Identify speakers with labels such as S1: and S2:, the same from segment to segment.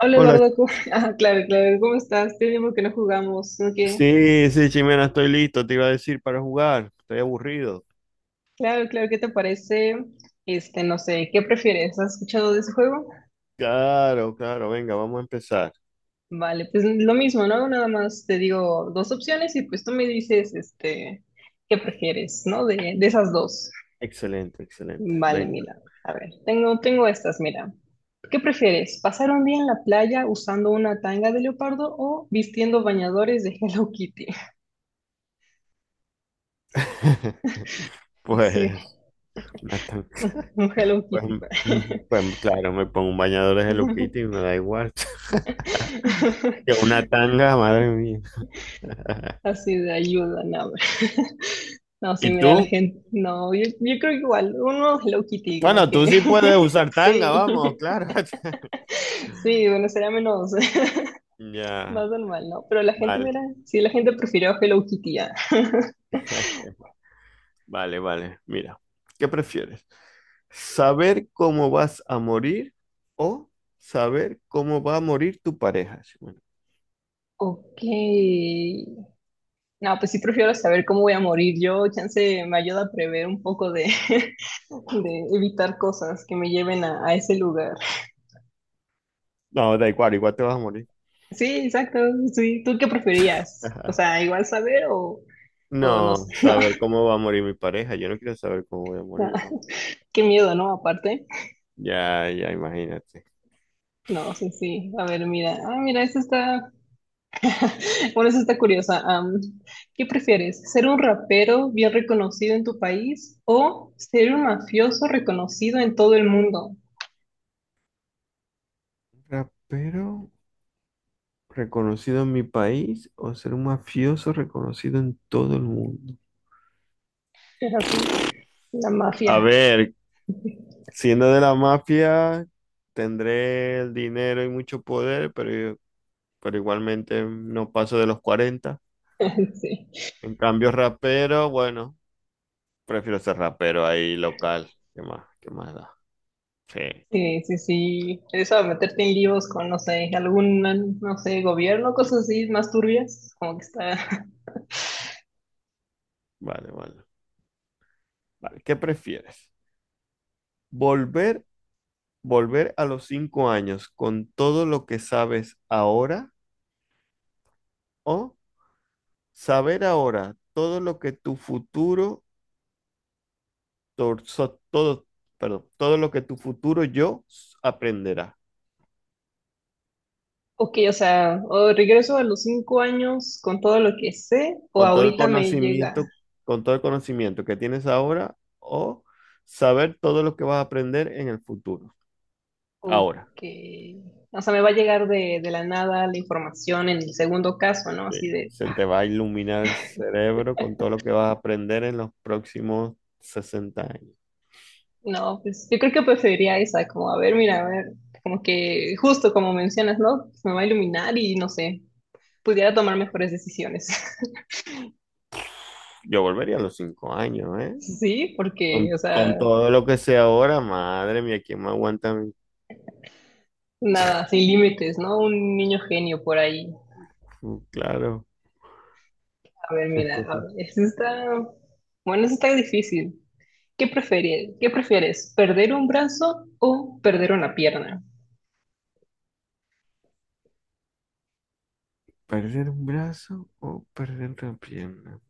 S1: Hola
S2: Hola,
S1: Eduardo, Ah, claro, claro, ¿cómo estás? Tiene tiempo que no jugamos, ¿no? ¿Qué?
S2: sí, sí, Chimena, estoy listo, te iba a decir para jugar, estoy aburrido.
S1: Claro, claro, ¿qué te parece? Este, no sé, ¿qué prefieres? ¿Has escuchado de ese juego?
S2: Claro, claro, venga, vamos a empezar.
S1: Vale, pues lo mismo, ¿no? Nada más te digo dos opciones y pues tú me dices, este, ¿qué prefieres?, ¿no? De esas dos.
S2: Excelente, excelente,
S1: Vale,
S2: venga.
S1: mira, a ver, tengo estas, mira. ¿Qué prefieres? ¿Pasar un día en la playa usando una tanga de leopardo o vistiendo bañadores de Hello Kitty?
S2: Pues,
S1: Sí,
S2: me están-
S1: un Hello
S2: pues,
S1: Kitty, pues.
S2: mm, pues, claro, me pongo un bañador de Hello Kitty y me da igual. Que una tanga, madre mía.
S1: Así de ayuda, no. No, sí,
S2: ¿Y
S1: mira, la
S2: tú?
S1: gente, no, yo creo que igual, uno es Hello Kitty, como
S2: Bueno,
S1: que,
S2: tú sí puedes usar tanga,
S1: sí,
S2: vamos, claro.
S1: sí, bueno, sería menos, más
S2: Ya,
S1: normal, ¿no? Pero la gente,
S2: vale,
S1: mira, sí, la gente prefirió Hello Kitty, ya.
S2: vale, vale, mira, ¿qué prefieres? Saber cómo vas a morir o saber cómo va a morir tu pareja. Sí, bueno.
S1: Ok, no, pues sí prefiero saber cómo voy a morir, yo, chance, me ayuda a prever un poco de, de evitar cosas que me lleven a, ese lugar.
S2: No, da igual, igual te vas a morir.
S1: Sí, exacto, sí, ¿tú qué preferías? O sea, igual saber o. O no
S2: No,
S1: sé, no.
S2: saber cómo va a morir mi pareja. Yo no quiero saber cómo voy a morir, vamos.
S1: Qué miedo, ¿no? Aparte.
S2: Ya, ya, imagínate.
S1: No, sí, sí. A ver, mira. Ah, mira, esta está. Bueno, esta está curiosa. ¿Qué prefieres? ¿Ser un rapero bien reconocido en tu país o ser un mafioso reconocido en todo el mundo?
S2: Rapero reconocido en mi país o ser un mafioso reconocido en todo el mundo.
S1: Es así. La
S2: A
S1: mafia.
S2: ver, siendo de la mafia, tendré el dinero y mucho poder, pero igualmente no paso de los 40.
S1: Sí.
S2: En cambio, rapero, bueno, prefiero ser rapero ahí local. ¿Qué más? ¿Qué más da? Sí,
S1: Sí, sí, sí. Eso de meterte en líos con, no sé, algún, no sé, gobierno, cosas así más turbias, como que está.
S2: vale, vale. Vale, ¿qué prefieres? ¿Volver, volver a los 5 años con todo lo que sabes ahora o saber ahora todo lo que tu futuro, todo, perdón, todo lo que tu futuro yo aprenderá?
S1: Ok, o sea, o regreso a los 5 años con todo lo que sé, o
S2: Con todo el
S1: ahorita me llega,
S2: conocimiento, con todo el conocimiento que tienes ahora o saber todo lo que vas a aprender en el futuro. Ahora.
S1: ok, o sea, me va a llegar de la nada la información en el segundo caso, ¿no?
S2: Sí,
S1: Así de,
S2: se te va a iluminar el cerebro con todo lo que vas a aprender en los próximos 60 años.
S1: no, pues yo creo que preferiría esa, como, a ver, mira, a ver, como que justo como mencionas, ¿no? Pues me va a iluminar y no sé, pudiera tomar mejores decisiones.
S2: Yo volvería a los 5 años, ¿eh?
S1: Sí, porque,
S2: Con,
S1: o sea,
S2: con todo lo que sé ahora, madre mía, ¿quién me aguanta a mí?
S1: nada, sin límites, ¿no? Un niño genio por ahí.
S2: Claro.
S1: A ver, mira, a ver, eso está, bueno, eso está difícil. ¿Qué prefieres? ¿Qué prefieres? ¿Perder un brazo o perder una pierna?
S2: ¿Perder un brazo o perder una pierna?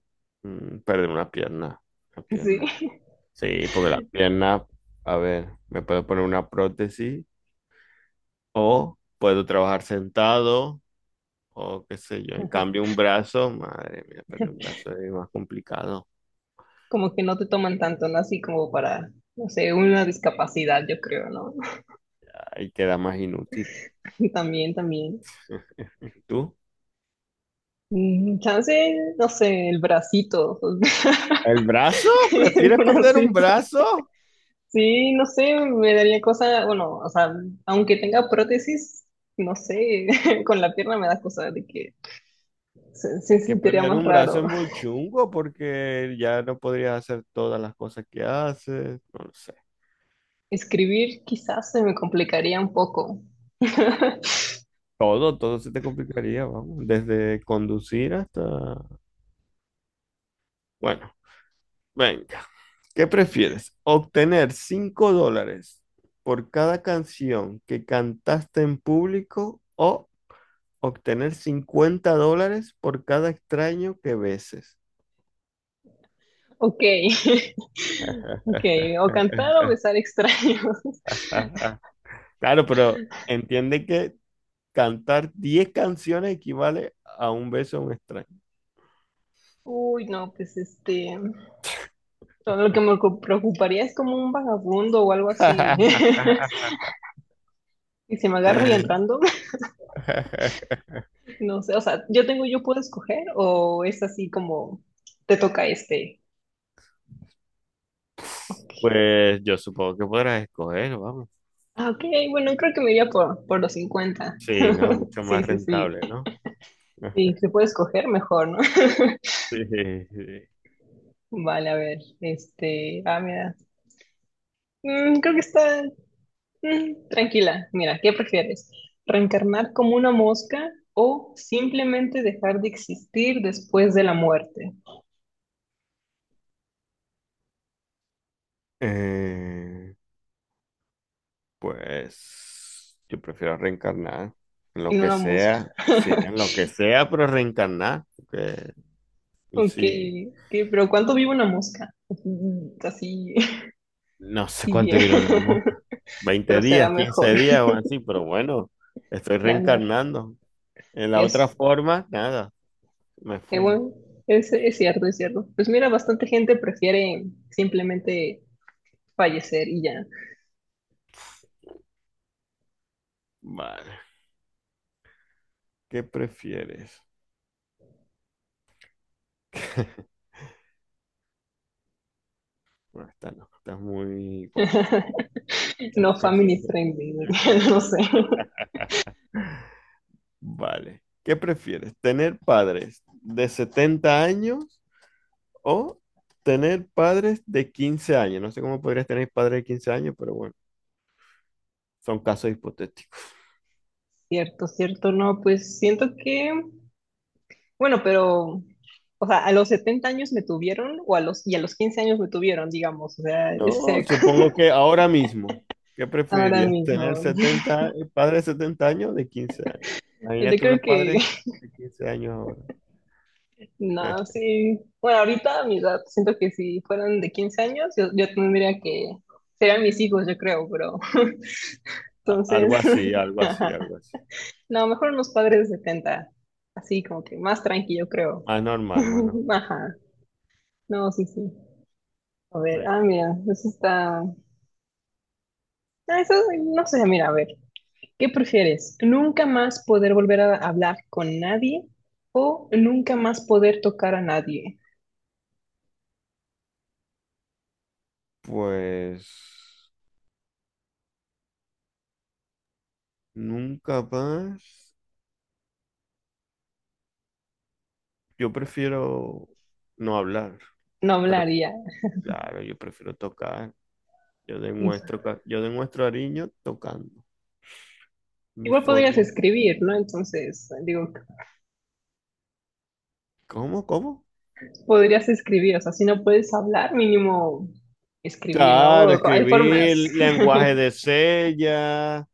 S2: Perder una pierna, una
S1: Sí,
S2: pierna. Sí, porque la pierna, a ver, me puedo poner una prótesis o puedo trabajar sentado. O qué sé yo. En cambio, un brazo, madre mía, pero un brazo es más complicado.
S1: como que no te toman tanto, ¿no? Así como para, no sé, una discapacidad, yo creo, ¿no?
S2: Ahí queda más inútil.
S1: También, también.
S2: ¿Tú?
S1: Mm, Chance, no sé, el bracito,
S2: ¿El brazo?
S1: el
S2: ¿Prefieres perder un
S1: bracito.
S2: brazo?
S1: Sí, no sé, me daría cosa, bueno, o sea, aunque tenga prótesis, no sé, con la pierna me da cosa de que se
S2: Es que
S1: sentiría
S2: perder
S1: más
S2: un brazo
S1: raro.
S2: es muy chungo porque ya no podrías hacer todas las cosas que haces. No lo sé.
S1: Escribir quizás se me complicaría un poco.
S2: Todo, todo se te complicaría, vamos. Desde conducir hasta... Bueno, venga. ¿Qué prefieres? ¿Obtener $5 por cada canción que cantaste en público o obtener $50 por cada extraño que beses?
S1: Ok, ok, o cantar o besar extraños.
S2: Claro, pero entiende que cantar 10 canciones equivale a un beso a un extraño.
S1: Uy, no, pues este, todo lo que me preocuparía es como un vagabundo o algo así. Y si me agarro y entrando, no sé, o sea, yo puedo escoger o es así como te toca este.
S2: Pues yo supongo que podrás escoger, vamos.
S1: Ah, ok, bueno, creo que me iría por los 50.
S2: Sí, ¿no? Mucho
S1: Sí,
S2: más
S1: sí, sí.
S2: rentable, ¿no?
S1: Sí, se puede escoger mejor, ¿no?
S2: Sí, sí.
S1: Vale, a ver, este, ah, mira. Creo que está tranquila. Mira, ¿qué prefieres? ¿Reencarnar como una mosca o simplemente dejar de existir después de la muerte?
S2: Eh, Pues yo prefiero reencarnar en lo
S1: En
S2: que
S1: una mosca.
S2: sea, sí, en lo que sea, pero reencarnar, porque
S1: Ok,
S2: sí,
S1: ok, pero ¿cuánto vive una mosca? Así,
S2: no sé
S1: así
S2: cuánto
S1: bien,
S2: dura una mosca, 20
S1: pero será
S2: días,
S1: mejor
S2: 15 días o así, pero bueno, estoy
S1: ganar.
S2: reencarnando. En la otra
S1: Es,
S2: forma, nada, me fumo.
S1: bueno, es cierto, es cierto. Pues mira, bastante gente prefiere simplemente fallecer y ya.
S2: Vale, ¿qué prefieres? Bueno, esta no, esta es muy gorda.
S1: No family friendly, no sé.
S2: Vale, ¿qué prefieres? ¿Tener padres de 70 años? O tener padres de 15 años. No sé cómo podrías tener padres de 15 años, pero bueno, son casos hipotéticos.
S1: Cierto, cierto, no, pues siento que, bueno, pero, o sea, a los 70 años me tuvieron, o y a los 15 años me tuvieron, digamos, o sea, es
S2: No,
S1: cerca.
S2: supongo que ahora mismo, ¿qué
S1: Ahora
S2: preferirías? ¿Tener
S1: mismo.
S2: padres de 70 años o de 15 años?
S1: Yo
S2: Imagínate
S1: creo
S2: unos
S1: que,
S2: padres de 15 años ahora.
S1: no, sí, bueno, ahorita a mi edad, siento que si fueran de 15 años, yo tendría que, serían mis hijos, yo creo, pero, entonces.
S2: Algo así, algo así, algo así.
S1: No, mejor unos padres de 70. Así como que más tranquilo, creo.
S2: Más normal, más normal.
S1: Ajá. No, sí, sí. A ver,
S2: Right.
S1: ah, mira, eso está. Ah, eso, no sé, mira, a ver. ¿Qué prefieres? ¿Nunca más poder volver a hablar con nadie o nunca más poder tocar a nadie?
S2: Pues nunca más. Yo prefiero no hablar,
S1: No
S2: pero
S1: hablaría.
S2: claro, yo prefiero tocar. Yo demuestro cariño tocando mi
S1: Igual podrías
S2: forma.
S1: escribir, ¿no? Entonces, digo,
S2: ¿Cómo? ¿Cómo?
S1: podrías escribir, o sea, si no puedes hablar, mínimo escribir, ¿no?
S2: Claro,
S1: Hay
S2: escribir
S1: formas.
S2: lenguaje de señas,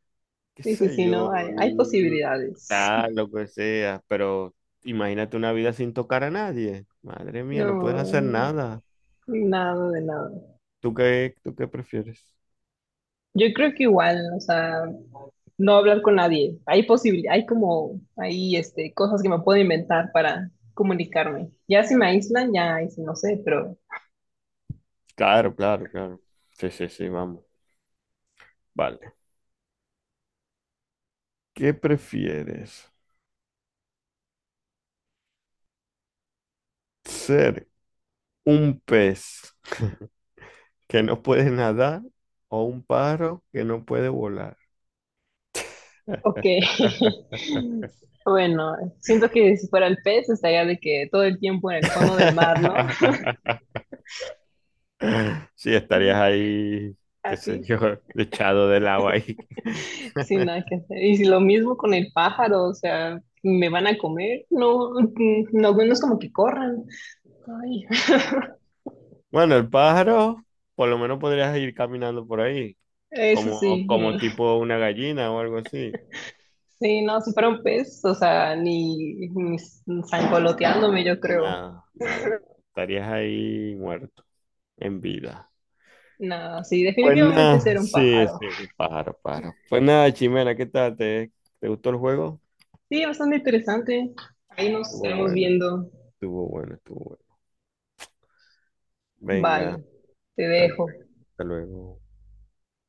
S2: qué
S1: Sí, sí,
S2: sé
S1: sí, no,
S2: yo,
S1: hay posibilidades.
S2: lo que sea, pero imagínate una vida sin tocar a nadie. Madre mía, no puedes hacer nada.
S1: No, nada de nada.
S2: ¿Tú qué prefieres?
S1: Yo creo que igual, o sea, no hablar con nadie. Hay como, hay este, cosas que me puedo inventar para comunicarme. Ya si me aíslan, ya ahí sí no sé, pero
S2: Claro, claro, claro. Sí, sí, sí, vamos. Vale. ¿Qué prefieres? ¿Ser un pez que no puede nadar o un pájaro que no puede volar?
S1: ok. Bueno, siento que si fuera el pez estaría de que todo el tiempo en el fondo del mar, ¿no?
S2: Sí, estarías ahí, qué sé
S1: Así,
S2: yo, echado del agua ahí.
S1: sin nada que hacer. Y si lo mismo con el pájaro, o sea, me van a comer, no, no, no es como que corran. Ay,
S2: Bueno, el pájaro, por lo menos podrías ir caminando por ahí,
S1: eso
S2: como,
S1: sí,
S2: como
S1: mm.
S2: tipo una gallina o algo así.
S1: Sí, no, si fuera un pez, o sea, ni zangoloteándome, yo creo.
S2: Nada, nada, nada. Estarías ahí muerto, en vida.
S1: No, sí,
S2: Pues
S1: definitivamente
S2: nada,
S1: ser un
S2: sí,
S1: pájaro.
S2: sí, pájaro, pájaro. Pues nada, Chimera, ¿qué tal? ¿Te gustó el juego?
S1: Sí, bastante interesante. Ahí nos
S2: Estuvo
S1: estaremos
S2: bueno,
S1: viendo.
S2: estuvo bueno, estuvo bueno. Venga,
S1: Vale, te
S2: hasta luego.
S1: dejo.
S2: Hasta luego.